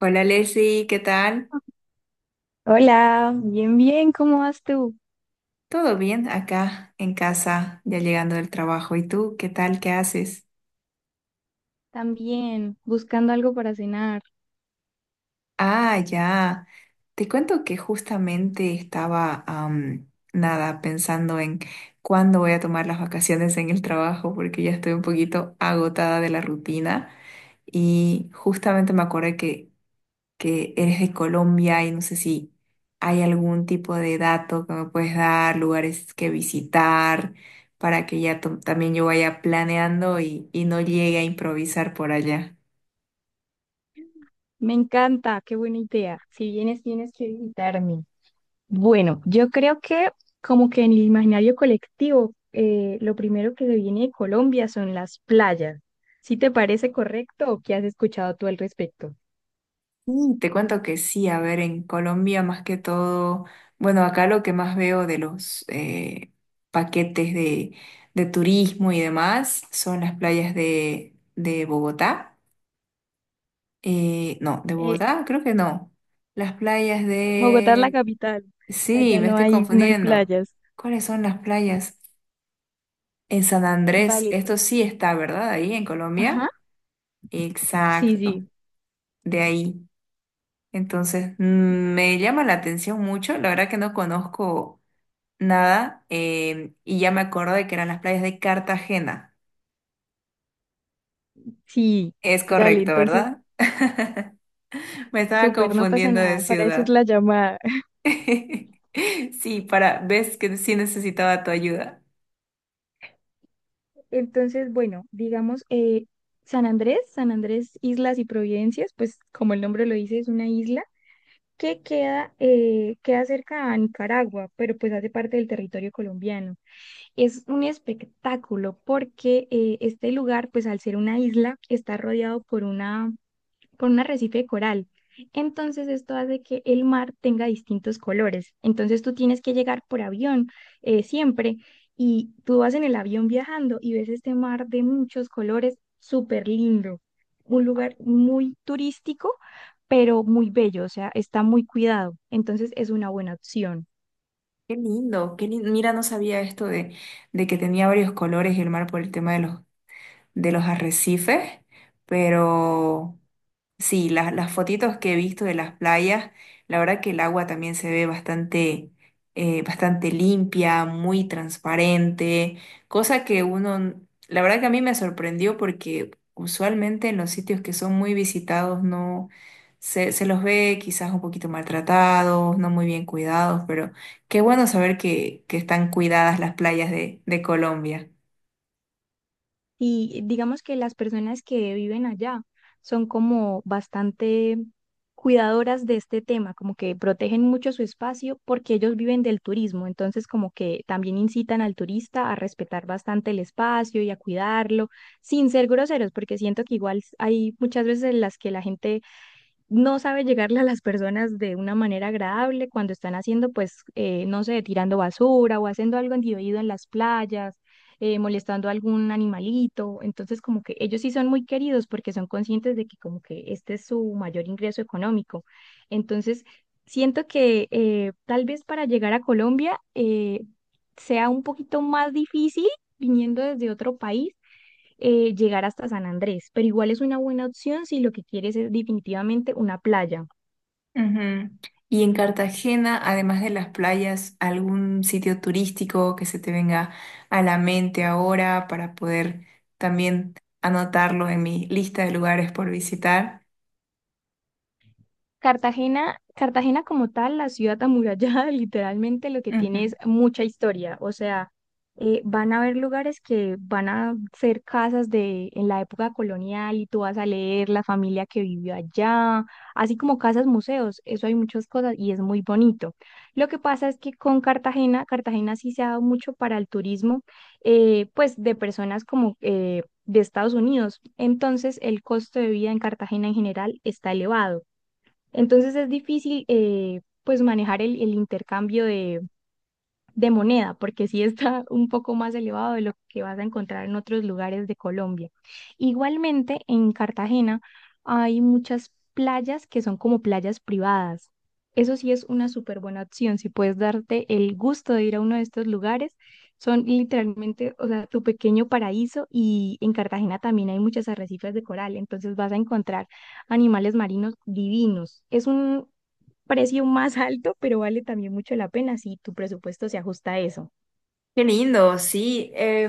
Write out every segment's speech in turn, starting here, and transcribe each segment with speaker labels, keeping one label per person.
Speaker 1: Hola Leslie, ¿qué tal?
Speaker 2: Hola, bien, bien, ¿cómo vas tú?
Speaker 1: ¿Todo bien acá en casa, ya llegando del trabajo? ¿Y tú, qué tal? ¿Qué haces?
Speaker 2: También, buscando algo para cenar.
Speaker 1: Ah, ya. Te cuento que justamente estaba, am, nada, pensando en cuándo voy a tomar las vacaciones en el trabajo porque ya estoy un poquito agotada de la rutina y justamente me acordé que eres de Colombia y no sé si hay algún tipo de dato que me puedes dar, lugares que visitar, para que ya también yo vaya planeando y no llegue a improvisar por allá.
Speaker 2: Me encanta, qué buena idea. Si vienes, tienes que visitarme. Bueno, yo creo que como que en el imaginario colectivo, lo primero que se viene de Colombia son las playas. ¿Sí te parece correcto o qué has escuchado tú al respecto?
Speaker 1: Sí, te cuento que sí, a ver, en Colombia más que todo, bueno, acá lo que más veo de los paquetes de turismo y demás son las playas de Bogotá. No, de
Speaker 2: Eh,
Speaker 1: Bogotá creo que no. Las playas
Speaker 2: Bogotá es la
Speaker 1: de.
Speaker 2: capital.
Speaker 1: Sí,
Speaker 2: Allá
Speaker 1: me estoy
Speaker 2: no hay
Speaker 1: confundiendo.
Speaker 2: playas.
Speaker 1: ¿Cuáles son las playas? En San Andrés,
Speaker 2: Vale,
Speaker 1: esto
Speaker 2: pues.
Speaker 1: sí está, ¿verdad? Ahí en
Speaker 2: Ajá.
Speaker 1: Colombia.
Speaker 2: Sí,
Speaker 1: Exacto,
Speaker 2: sí,
Speaker 1: de ahí. Entonces, me llama la atención mucho. La verdad que no conozco nada, y ya me acuerdo de que eran las playas de Cartagena.
Speaker 2: sí.
Speaker 1: Es
Speaker 2: Dale,
Speaker 1: correcto,
Speaker 2: entonces
Speaker 1: ¿verdad? Me estaba
Speaker 2: súper, no pasa
Speaker 1: confundiendo de
Speaker 2: nada, para eso es
Speaker 1: ciudad.
Speaker 2: la llamada.
Speaker 1: Sí, para, ves que sí necesitaba tu ayuda.
Speaker 2: Entonces, bueno, digamos, San Andrés, San Andrés Islas y Providencias, pues como el nombre lo dice, es una isla que queda, queda cerca a Nicaragua, pero pues hace parte del territorio colombiano. Es un espectáculo porque este lugar, pues al ser una isla, está rodeado por una por un arrecife de coral. Entonces esto hace que el mar tenga distintos colores. Entonces tú tienes que llegar por avión siempre, y tú vas en el avión viajando y ves este mar de muchos colores, súper lindo. Un lugar muy turístico, pero muy bello, o sea, está muy cuidado. Entonces es una buena opción.
Speaker 1: Qué lindo, qué lindo. Mira, no sabía esto de que tenía varios colores el mar por el tema de de los arrecifes, pero sí, las fotitos que he visto de las playas, la verdad que el agua también se ve bastante, bastante limpia, muy transparente, cosa que uno, la verdad que a mí me sorprendió porque usualmente en los sitios que son muy visitados no se, se los ve quizás un poquito maltratados, no muy bien cuidados, pero qué bueno saber que están cuidadas las playas de Colombia.
Speaker 2: Y digamos que las personas que viven allá son como bastante cuidadoras de este tema, como que protegen mucho su espacio porque ellos viven del turismo, entonces como que también incitan al turista a respetar bastante el espacio y a cuidarlo, sin ser groseros, porque siento que igual hay muchas veces en las que la gente no sabe llegarle a las personas de una manera agradable cuando están haciendo, pues, no sé, tirando basura o haciendo algo indebido en las playas, molestando a algún animalito. Entonces, como que ellos sí son muy queridos porque son conscientes de que como que este es su mayor ingreso económico. Entonces, siento que tal vez para llegar a Colombia sea un poquito más difícil viniendo desde otro país, llegar hasta San Andrés, pero igual es una buena opción si lo que quieres es definitivamente una playa.
Speaker 1: Ujú. Y en Cartagena, además de las playas, ¿algún sitio turístico que se te venga a la mente ahora para poder también anotarlo en mi lista de lugares por visitar?
Speaker 2: Cartagena, Cartagena como tal, la ciudad amurallada, literalmente lo que tiene es mucha historia. O sea, van a haber lugares que van a ser casas de en la época colonial y tú vas a leer la familia que vivió allá, así como casas museos. Eso hay muchas cosas y es muy bonito. Lo que pasa es que con Cartagena, Cartagena sí se ha dado mucho para el turismo, pues de personas como de Estados Unidos. Entonces, el costo de vida en Cartagena en general está elevado. Entonces es difícil, pues manejar el intercambio de moneda, porque sí está un poco más elevado de lo que vas a encontrar en otros lugares de Colombia. Igualmente, en Cartagena hay muchas playas que son como playas privadas. Eso sí es una súper buena opción. Si puedes darte el gusto de ir a uno de estos lugares, son literalmente, o sea, tu pequeño paraíso, y en Cartagena también hay muchas arrecifes de coral, entonces vas a encontrar animales marinos divinos. Es un precio más alto, pero vale también mucho la pena si tu presupuesto se ajusta a eso.
Speaker 1: Qué lindo, sí. Eh,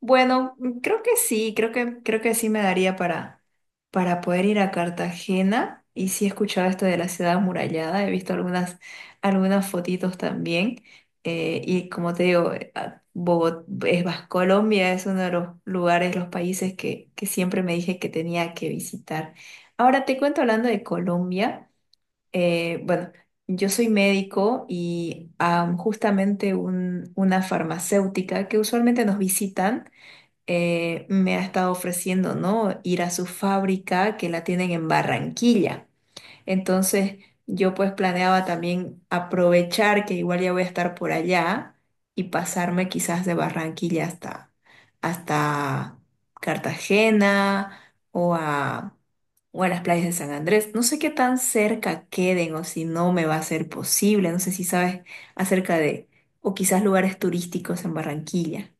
Speaker 1: bueno, creo que sí, creo que sí me daría para poder ir a Cartagena. Y sí he escuchado esto de la ciudad amurallada, he visto algunas, algunas fotitos también. Eh, y como te digo, Colombia es uno de los lugares, los países que siempre me dije que tenía que visitar. Ahora te cuento hablando de Colombia. Bueno, yo soy médico y, am, justamente una farmacéutica que usualmente nos visitan, me ha estado ofreciendo, ¿no? Ir a su fábrica que la tienen en Barranquilla. Entonces yo pues planeaba también aprovechar que igual ya voy a estar por allá y pasarme quizás de Barranquilla hasta, hasta Cartagena o a, o a las playas de San Andrés. No sé qué tan cerca queden o si no me va a ser posible. No sé si sabes acerca de, o quizás lugares turísticos en Barranquilla.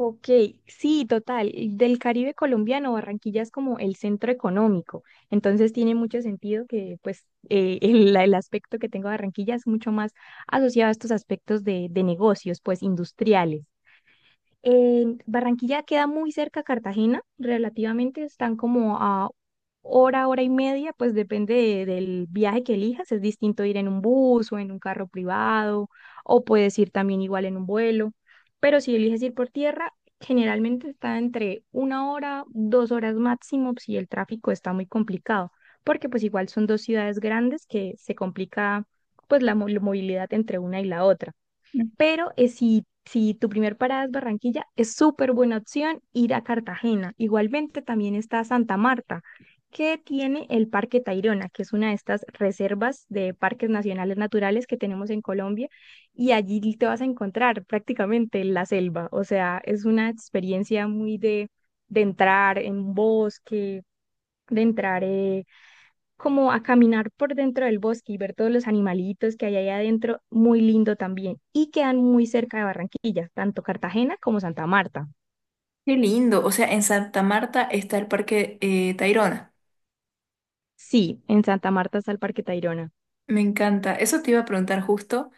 Speaker 2: Ok, sí, total. Del Caribe colombiano, Barranquilla es como el centro económico, entonces tiene mucho sentido que pues el aspecto que tengo de Barranquilla es mucho más asociado a estos aspectos de negocios, pues industriales. Barranquilla queda muy cerca a Cartagena, relativamente están como a hora, hora y media, pues depende del viaje que elijas, es distinto ir en un bus o en un carro privado, o puedes ir también igual en un vuelo, pero si eliges ir por tierra, generalmente está entre una hora, dos horas máximo si el tráfico está muy complicado, porque pues igual son dos ciudades grandes que se complica pues la movilidad entre una y la otra. Pero si tu primer parada es Barranquilla, es súper buena opción ir a Cartagena. Igualmente también está Santa Marta, que tiene el Parque Tayrona, que es una de estas reservas de parques nacionales naturales que tenemos en Colombia. Y allí te vas a encontrar prácticamente la selva. O sea, es una experiencia muy de entrar en bosque, de entrar... como a caminar por dentro del bosque y ver todos los animalitos que hay ahí adentro, muy lindo también. Y quedan muy cerca de Barranquilla, tanto Cartagena como Santa Marta.
Speaker 1: Qué lindo. O sea, en Santa Marta está el Parque, Tayrona.
Speaker 2: Sí, en Santa Marta está el Parque Tayrona.
Speaker 1: Me encanta. Eso te iba a preguntar justo.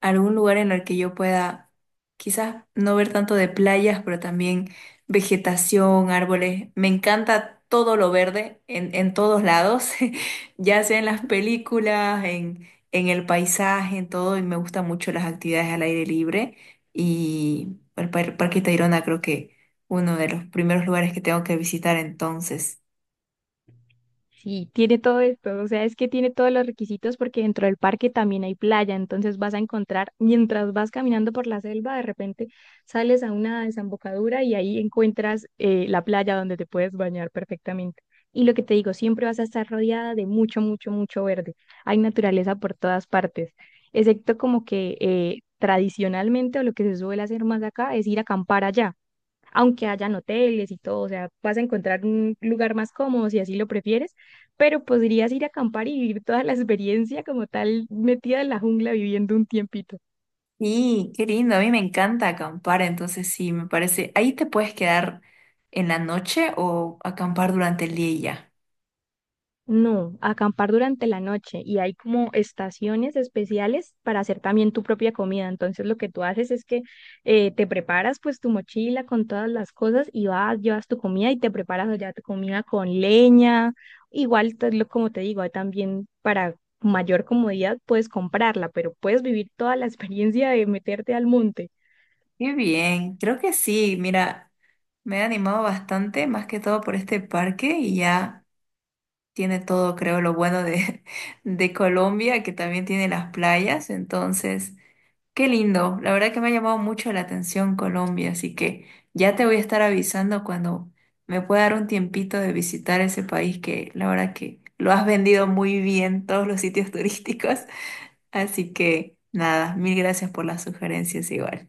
Speaker 1: Algún lugar en el que yo pueda quizás no ver tanto de playas, pero también vegetación, árboles. Me encanta todo lo verde en todos lados, ya sea en las películas, en el paisaje, en todo, y me gustan mucho las actividades al aire libre. Y bueno, el Parque Tayrona creo que uno de los primeros lugares que tengo que visitar entonces.
Speaker 2: Sí, tiene todo esto, o sea, es que tiene todos los requisitos porque dentro del parque también hay playa, entonces vas a encontrar, mientras vas caminando por la selva, de repente sales a una desembocadura y ahí encuentras la playa donde te puedes bañar perfectamente. Y lo que te digo, siempre vas a estar rodeada de mucho, mucho, mucho verde. Hay naturaleza por todas partes, excepto como que tradicionalmente o lo que se suele hacer más acá es ir a acampar allá aunque hayan hoteles y todo, o sea, vas a encontrar un lugar más cómodo si así lo prefieres, pero podrías ir a acampar y vivir toda la experiencia como tal metida en la jungla viviendo un tiempito.
Speaker 1: Sí, qué lindo, a mí me encanta acampar, entonces sí, me parece. ¿Ahí te puedes quedar en la noche o acampar durante el día y ya?
Speaker 2: No, acampar durante la noche, y hay como estaciones especiales para hacer también tu propia comida. Entonces lo que tú haces es que te preparas pues tu mochila con todas las cosas y vas, llevas tu comida y te preparas allá tu comida con leña. Igual, como te digo, hay también para mayor comodidad puedes comprarla, pero puedes vivir toda la experiencia de meterte al monte.
Speaker 1: Qué bien, creo que sí, mira, me he animado bastante, más que todo por este parque y ya tiene todo, creo, lo bueno de, de Colombia, que también tiene las playas, entonces qué lindo, la verdad que me ha llamado mucho la atención Colombia, así que ya te voy a estar avisando cuando me pueda dar un tiempito de visitar ese país que la verdad que lo has vendido muy bien todos los sitios turísticos, así que nada, mil gracias por las sugerencias igual.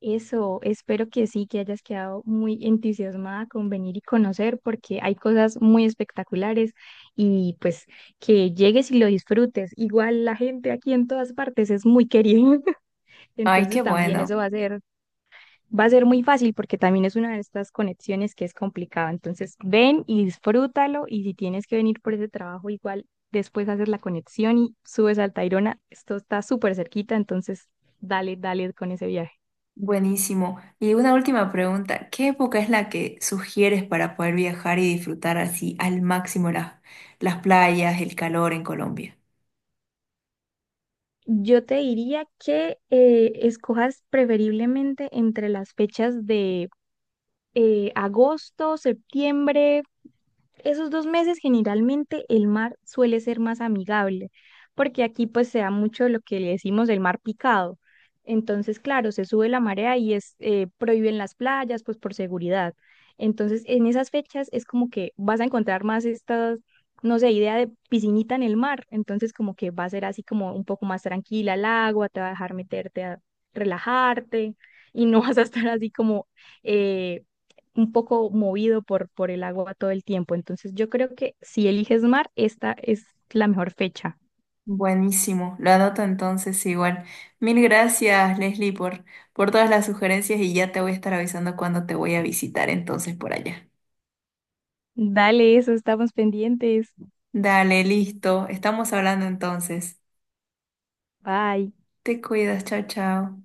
Speaker 2: Eso, espero que sí, que hayas quedado muy entusiasmada con venir y conocer, porque hay cosas muy espectaculares y pues que llegues y lo disfrutes. Igual la gente aquí en todas partes es muy querida,
Speaker 1: Ay, qué
Speaker 2: entonces también
Speaker 1: bueno,
Speaker 2: eso va a ser muy fácil porque también es una de estas conexiones que es complicada. Entonces ven y disfrútalo, y si tienes que venir por ese trabajo, igual después haces la conexión y subes al Tayrona, esto está súper cerquita, entonces dale, dale con ese viaje.
Speaker 1: buenísimo. Y una última pregunta, ¿qué época es la que sugieres para poder viajar y disfrutar así al máximo las playas, el calor en Colombia?
Speaker 2: Yo te diría que escojas preferiblemente entre las fechas de agosto, septiembre. Esos dos meses generalmente el mar suele ser más amigable, porque aquí pues se da mucho lo que le decimos el mar picado. Entonces, claro, se sube la marea y es prohíben las playas pues por seguridad. Entonces, en esas fechas es como que vas a encontrar más estas, no sé, idea de piscinita en el mar. Entonces, como que va a ser así como un poco más tranquila el agua, te va a dejar meterte a relajarte y no vas a estar así como eh, un poco movido por el agua todo el tiempo. Entonces yo creo que si eliges mar, esta es la mejor fecha.
Speaker 1: Buenísimo, lo anoto entonces igual. Mil gracias, Leslie, por todas las sugerencias y ya te voy a estar avisando cuando te voy a visitar entonces por allá.
Speaker 2: Dale, eso, estamos pendientes.
Speaker 1: Dale, listo, estamos hablando entonces.
Speaker 2: Bye.
Speaker 1: Te cuidas, chao, chao.